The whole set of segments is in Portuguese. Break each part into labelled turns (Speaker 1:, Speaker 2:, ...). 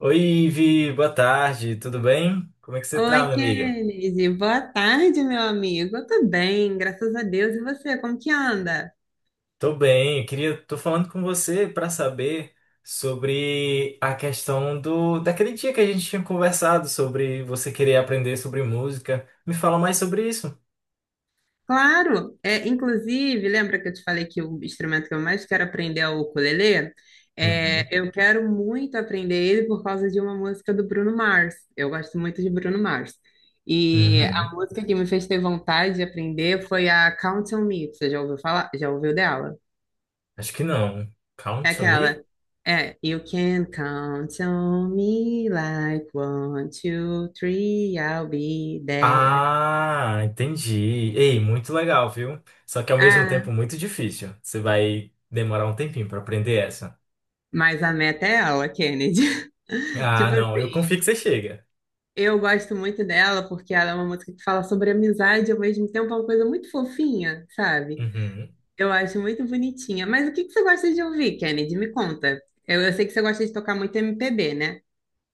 Speaker 1: Oi, Ivi, boa tarde, tudo bem? Como é que você tá,
Speaker 2: Oi,
Speaker 1: minha amiga?
Speaker 2: Kennedy. Boa tarde, meu amigo. Eu tô bem, graças a Deus. E você, como que anda?
Speaker 1: Tô bem, tô falando com você para saber sobre a questão do daquele dia que a gente tinha conversado sobre você querer aprender sobre música. Me fala mais sobre isso.
Speaker 2: Claro, é, inclusive, lembra que eu te falei que o instrumento que eu mais quero aprender é o ukulele? É,
Speaker 1: Uhum,
Speaker 2: eu quero muito aprender ele por causa de uma música do Bruno Mars. Eu gosto muito de Bruno Mars. E a
Speaker 1: uhum.
Speaker 2: música que me fez ter vontade de aprender foi a Count on Me. Você já ouviu falar? Já ouviu dela?
Speaker 1: Acho que não.
Speaker 2: É
Speaker 1: Count to me?
Speaker 2: aquela. É, you can count on me like one, two, three, I'll be there.
Speaker 1: Ah, entendi. Ei, muito legal, viu? Só que ao mesmo tempo
Speaker 2: Ah,
Speaker 1: muito difícil. Você vai demorar um tempinho para aprender essa.
Speaker 2: mas a meta é ela, Kennedy.
Speaker 1: Ah,
Speaker 2: Tipo
Speaker 1: não, eu
Speaker 2: assim,
Speaker 1: confio que você chega.
Speaker 2: eu gosto muito dela porque ela é uma música que fala sobre amizade, e ao mesmo tempo é uma coisa muito fofinha, sabe?
Speaker 1: Uhum.
Speaker 2: Eu acho muito bonitinha. Mas o que que você gosta de ouvir, Kennedy? Me conta. Eu sei que você gosta de tocar muito MPB, né?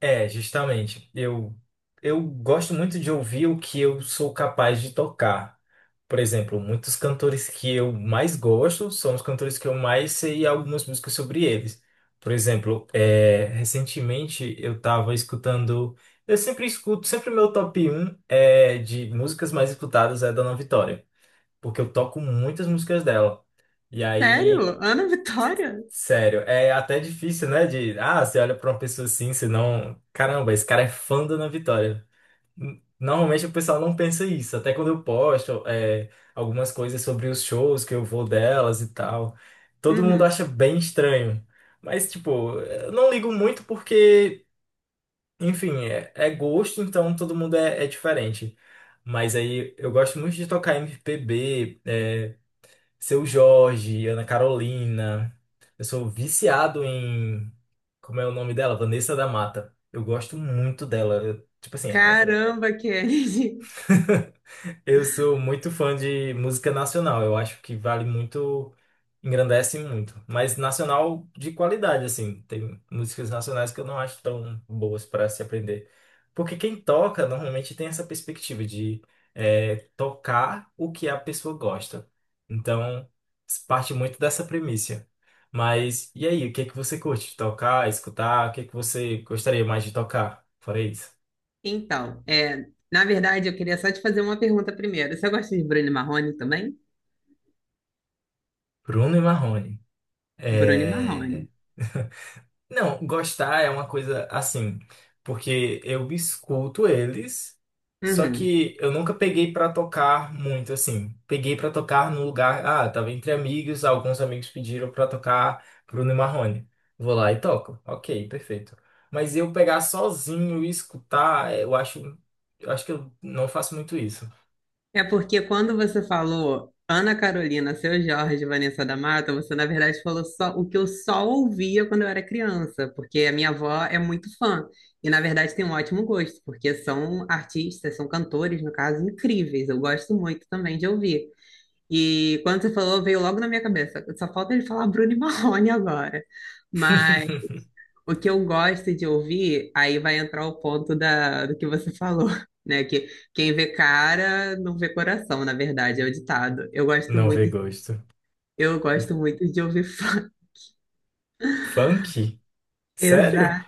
Speaker 1: É, justamente. Eu gosto muito de ouvir o que eu sou capaz de tocar. Por exemplo, muitos cantores que eu mais gosto são os cantores que eu mais sei algumas músicas sobre eles. Por exemplo, recentemente eu tava escutando. Eu sempre escuto, sempre meu top um de músicas mais escutadas é da Ana Vitória, porque eu toco muitas músicas dela. E aí.
Speaker 2: Sério? Ana Vitória?
Speaker 1: Sério, é até difícil, né? De, ah, você olha pra uma pessoa assim, senão, caramba, esse cara é fã do Ana Vitória. Normalmente o pessoal não pensa isso, até quando eu posto algumas coisas sobre os shows que eu vou delas e tal. Todo mundo
Speaker 2: Uhum.
Speaker 1: acha bem estranho. Mas, tipo, eu não ligo muito porque, enfim, é gosto, então todo mundo é diferente. Mas aí eu gosto muito de tocar MPB. Seu Jorge, Ana Carolina. Eu sou viciado em. Como é o nome dela? Vanessa da Mata. Eu gosto muito dela. Eu- tipo assim, é.
Speaker 2: Caramba, Kennedy.
Speaker 1: Eu sou muito fã de música nacional. Eu acho que vale muito, engrandece muito. Mas nacional de qualidade, assim. Tem músicas nacionais que eu não acho tão boas para se aprender. Porque quem toca normalmente tem essa perspectiva de tocar o que a pessoa gosta. Então, parte muito dessa premissa. Mas e aí, o que é que você curte? Tocar, escutar? O que é que você gostaria mais de tocar? Fora isso.
Speaker 2: Então, é, na verdade, eu queria só te fazer uma pergunta primeiro. Você gosta de Bruno Marrone também?
Speaker 1: Bruno e Marrone.
Speaker 2: Bruno Marrone.
Speaker 1: É. Não, gostar é uma coisa assim, porque eu escuto eles, só
Speaker 2: Uhum.
Speaker 1: que eu nunca peguei pra tocar muito assim. Peguei pra tocar no lugar, ah, tava entre amigos, alguns amigos pediram pra tocar Bruno e Marrone. Vou lá e toco. OK, perfeito. Mas eu pegar sozinho e escutar, eu acho que eu não faço muito isso.
Speaker 2: É porque quando você falou Ana Carolina, Seu Jorge, Vanessa da Mata, você na verdade falou só o que eu só ouvia quando eu era criança, porque a minha avó é muito fã e na verdade tem um ótimo gosto, porque são artistas, são cantores, no caso, incríveis. Eu gosto muito também de ouvir. E quando você falou, veio logo na minha cabeça. Só falta ele falar Bruno e Marrone agora. Mas o que eu gosto de ouvir, aí vai entrar o ponto do que você falou, né? Que quem vê cara não vê coração, na verdade, é o ditado.
Speaker 1: Não vê gosto.
Speaker 2: Eu gosto muito de ouvir funk.
Speaker 1: Funk? Sério?
Speaker 2: Exato.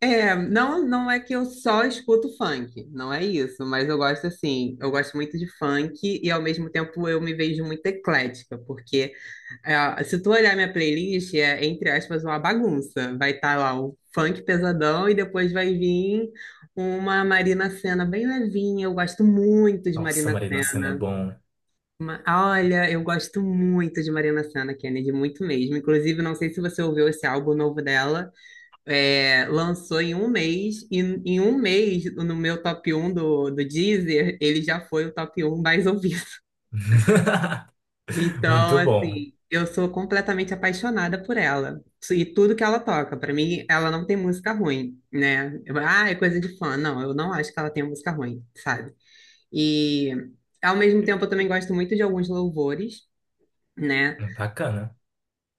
Speaker 2: É, não, não é que eu só escuto funk, não é isso, mas eu gosto assim, eu gosto muito de funk e ao mesmo tempo eu me vejo muito eclética, porque é, ó, se tu olhar minha playlist, é, entre aspas, uma bagunça. Vai estar lá o funk pesadão e depois vai vir uma Marina Sena bem levinha. Eu gosto muito de
Speaker 1: Nossa,
Speaker 2: Marina
Speaker 1: Marina Sena é
Speaker 2: Sena.
Speaker 1: bom.
Speaker 2: Olha, eu gosto muito de Marina Sena, Kennedy, muito mesmo. Inclusive, não sei se você ouviu esse álbum novo dela. É, lançou em um mês, e em um mês, no meu top um do Deezer, ele já foi o top um mais ouvido. Então,
Speaker 1: Muito bom.
Speaker 2: assim, eu sou completamente apaixonada por ela e tudo que ela toca. Para mim, ela não tem música ruim, né? Eu, ah, é coisa de fã. Não, eu não acho que ela tenha música ruim, sabe? E ao mesmo tempo, eu também gosto muito de alguns louvores, né?
Speaker 1: Bacana.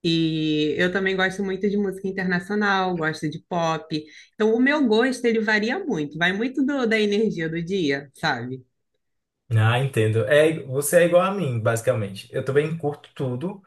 Speaker 2: E eu também gosto muito de música internacional, gosto de pop. Então, o meu gosto ele varia muito, vai muito da energia do dia, sabe?
Speaker 1: Ah, entendo. É, você é igual a mim, basicamente. Eu também curto tudo.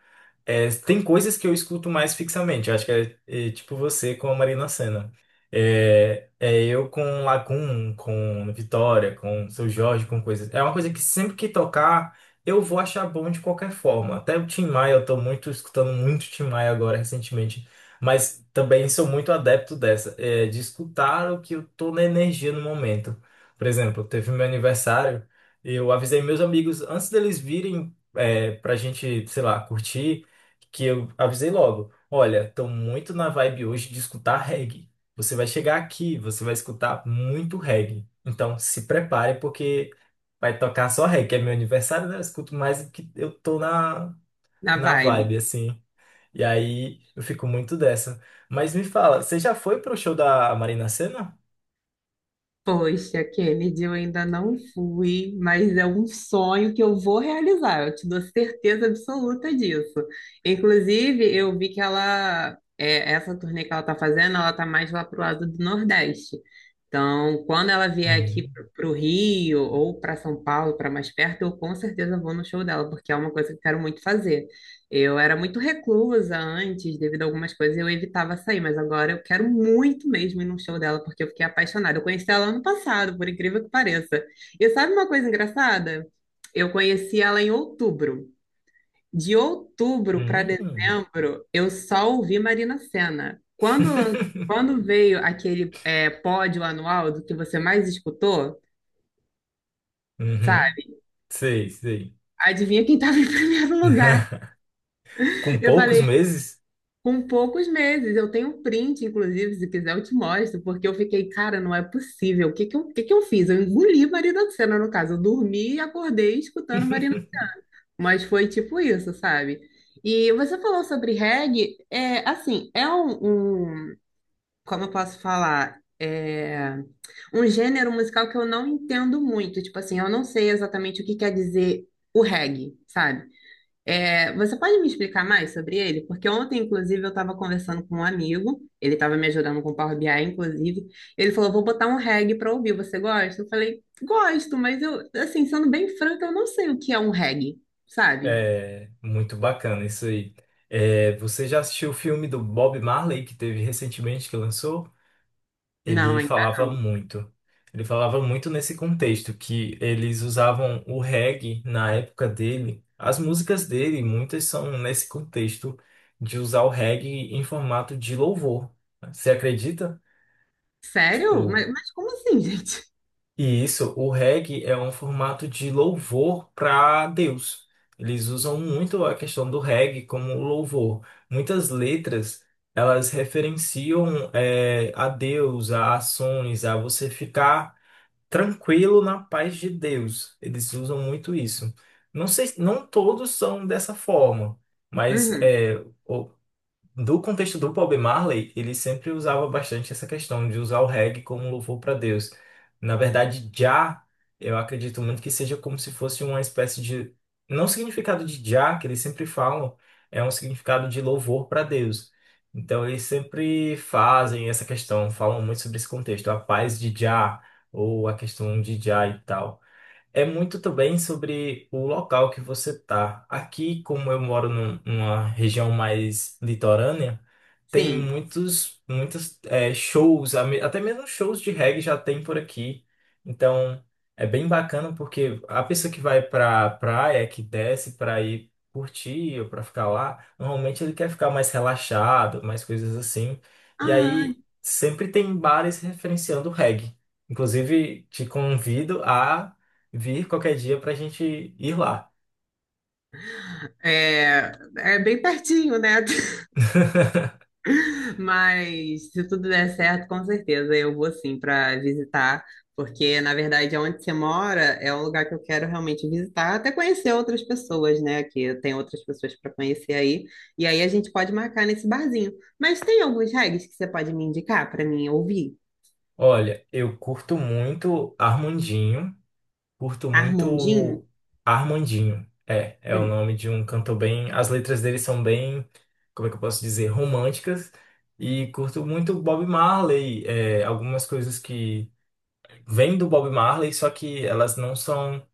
Speaker 1: É, tem coisas que eu escuto mais fixamente. Eu acho que é tipo você com a Marina Sena. É eu com Lacun, com Vitória, com Seu Jorge, com coisas. É uma coisa que sempre que tocar, eu vou achar bom de qualquer forma. Até o Tim Maia, eu tô muito escutando muito Tim Maia agora recentemente. Mas também sou muito adepto dessa, de escutar o que eu tô na energia no momento. Por exemplo, teve meu aniversário, eu avisei meus amigos antes deles virem. É, pra gente, sei lá, curtir que eu avisei logo. Olha, tô muito na vibe hoje de escutar reggae. Você vai chegar aqui, você vai escutar muito reggae. Então se prepare porque vai tocar só reggae. É meu aniversário, né? Eu escuto mais do que eu tô na,
Speaker 2: Na
Speaker 1: na
Speaker 2: vibe.
Speaker 1: vibe, assim. E aí eu fico muito dessa. Mas me fala, você já foi pro show da Marina Sena?
Speaker 2: Poxa, Kennedy, eu ainda não fui, mas é um sonho que eu vou realizar, eu te dou certeza absoluta disso. Inclusive, eu vi que ela, é, essa turnê que ela tá fazendo, ela tá mais lá pro lado do Nordeste. Então, quando ela vier aqui
Speaker 1: Hum.
Speaker 2: pro Rio ou para São Paulo, para mais perto, eu com certeza vou no show dela, porque é uma coisa que eu quero muito fazer. Eu era muito reclusa antes, devido a algumas coisas, eu evitava sair, mas agora eu quero muito mesmo ir num show dela, porque eu fiquei apaixonada. Eu conheci ela ano passado, por incrível que pareça. E sabe uma coisa engraçada? Eu conheci ela em outubro. De outubro para
Speaker 1: Hum.
Speaker 2: dezembro, eu só ouvi Marina Sena. Quando veio aquele é, pódio anual do que você mais escutou,
Speaker 1: Uhum.
Speaker 2: sabe?
Speaker 1: Sei, sei.
Speaker 2: Adivinha quem estava em primeiro lugar?
Speaker 1: Com
Speaker 2: Eu
Speaker 1: poucos
Speaker 2: falei,
Speaker 1: meses?
Speaker 2: com poucos meses, eu tenho um print, inclusive, se quiser eu te mostro, porque eu fiquei, cara, não é possível. O que que eu fiz? Eu engoli Marina do Senna, no caso. Eu dormi e acordei escutando Marina. Mas foi tipo isso, sabe? E você falou sobre reggae, é, assim, é como eu posso falar? É um gênero musical que eu não entendo muito. Tipo assim, eu não sei exatamente o que quer dizer o reggae, sabe? É, você pode me explicar mais sobre ele? Porque ontem, inclusive, eu estava conversando com um amigo, ele estava me ajudando com o Power BI, inclusive. Ele falou: vou botar um reggae para ouvir, você gosta? Eu falei: gosto, mas eu, assim, sendo bem franca, eu não sei o que é um reggae, sabe?
Speaker 1: É muito bacana isso aí. É, você já assistiu o filme do Bob Marley que teve recentemente que lançou?
Speaker 2: Não,
Speaker 1: Ele
Speaker 2: ainda
Speaker 1: falava
Speaker 2: não.
Speaker 1: muito. Ele falava muito nesse contexto que eles usavam o reggae na época dele. As músicas dele, muitas são nesse contexto de usar o reggae em formato de louvor. Né? Você acredita?
Speaker 2: Sério?
Speaker 1: Tipo,
Speaker 2: Mas como assim, gente?
Speaker 1: e isso, o reggae é um formato de louvor para Deus. Eles usam muito a questão do reggae como louvor. Muitas letras, elas referenciam a Deus, a ações, a você ficar tranquilo na paz de Deus. Eles usam muito isso. Não sei, não todos são dessa forma, mas
Speaker 2: Uhum,
Speaker 1: do contexto do Bob Marley, ele sempre usava bastante essa questão de usar o reggae como um louvor para Deus. Na verdade, Jah, eu acredito muito que seja como se fosse uma espécie de. Não o significado de Jah, que eles sempre falam, é um significado de louvor para Deus. Então, eles sempre fazem essa questão, falam muito sobre esse contexto, a paz de Jah, ou a questão de Jah e tal. É muito também sobre o local que você tá. Aqui, como eu moro numa região mais litorânea, tem
Speaker 2: sim.
Speaker 1: muitos, muitos shows, até mesmo shows de reggae já tem por aqui. Então, é bem bacana porque a pessoa que vai pra praia, que desce pra ir curtir ou pra ficar lá, normalmente ele quer ficar mais relaxado, mais coisas assim. E
Speaker 2: Ah,
Speaker 1: aí, sempre tem bares referenciando reggae. Inclusive, te convido a vir qualquer dia pra gente ir lá.
Speaker 2: é, é bem pertinho, né? Mas se tudo der certo, com certeza eu vou sim para visitar, porque na verdade onde você mora é um lugar que eu quero realmente visitar, até conhecer outras pessoas, né? Que tem outras pessoas para conhecer aí. E aí a gente pode marcar nesse barzinho. Mas tem alguns reggae que você pode me indicar para mim ouvir?
Speaker 1: Olha, eu curto muito Armandinho, curto
Speaker 2: Armandinho?
Speaker 1: muito Armandinho. É, é o
Speaker 2: Hum,
Speaker 1: nome de um cantor bem. As letras dele são bem, como é que eu posso dizer, românticas. E curto muito Bob Marley, algumas coisas que vêm do Bob Marley, só que elas não são.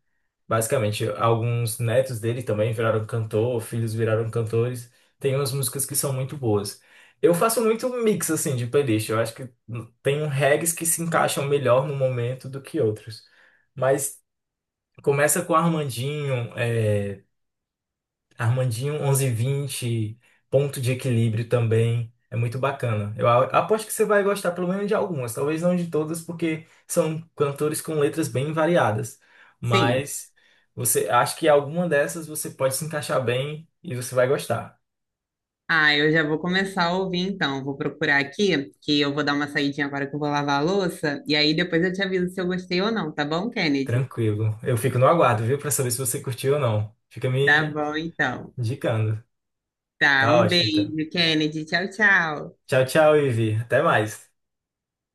Speaker 1: Basicamente, alguns netos dele também viraram cantor, filhos viraram cantores. Tem umas músicas que são muito boas. Eu faço muito mix assim de playlist. Eu acho que tem um regs que se encaixam melhor no momento do que outros. Mas começa com Armandinho, Armandinho 1120, ponto de equilíbrio também. É muito bacana. Aposto que você vai gostar pelo menos de algumas, talvez não de todas, porque são cantores com letras bem variadas.
Speaker 2: sim.
Speaker 1: Mas você acho que alguma dessas você pode se encaixar bem e você vai gostar.
Speaker 2: Ah, eu já vou começar a ouvir então. Vou procurar aqui, que eu vou dar uma saidinha agora que eu vou lavar a louça, e aí depois eu te aviso se eu gostei ou não, tá bom, Kennedy?
Speaker 1: Tranquilo. Eu fico no aguardo, viu, pra saber se você curtiu ou não. Fica
Speaker 2: Tá
Speaker 1: me
Speaker 2: bom, então.
Speaker 1: indicando.
Speaker 2: Tá,
Speaker 1: Tá
Speaker 2: um
Speaker 1: ótimo, então.
Speaker 2: beijo, Kennedy. Tchau, tchau.
Speaker 1: Tchau, tchau, Ivi. Até mais.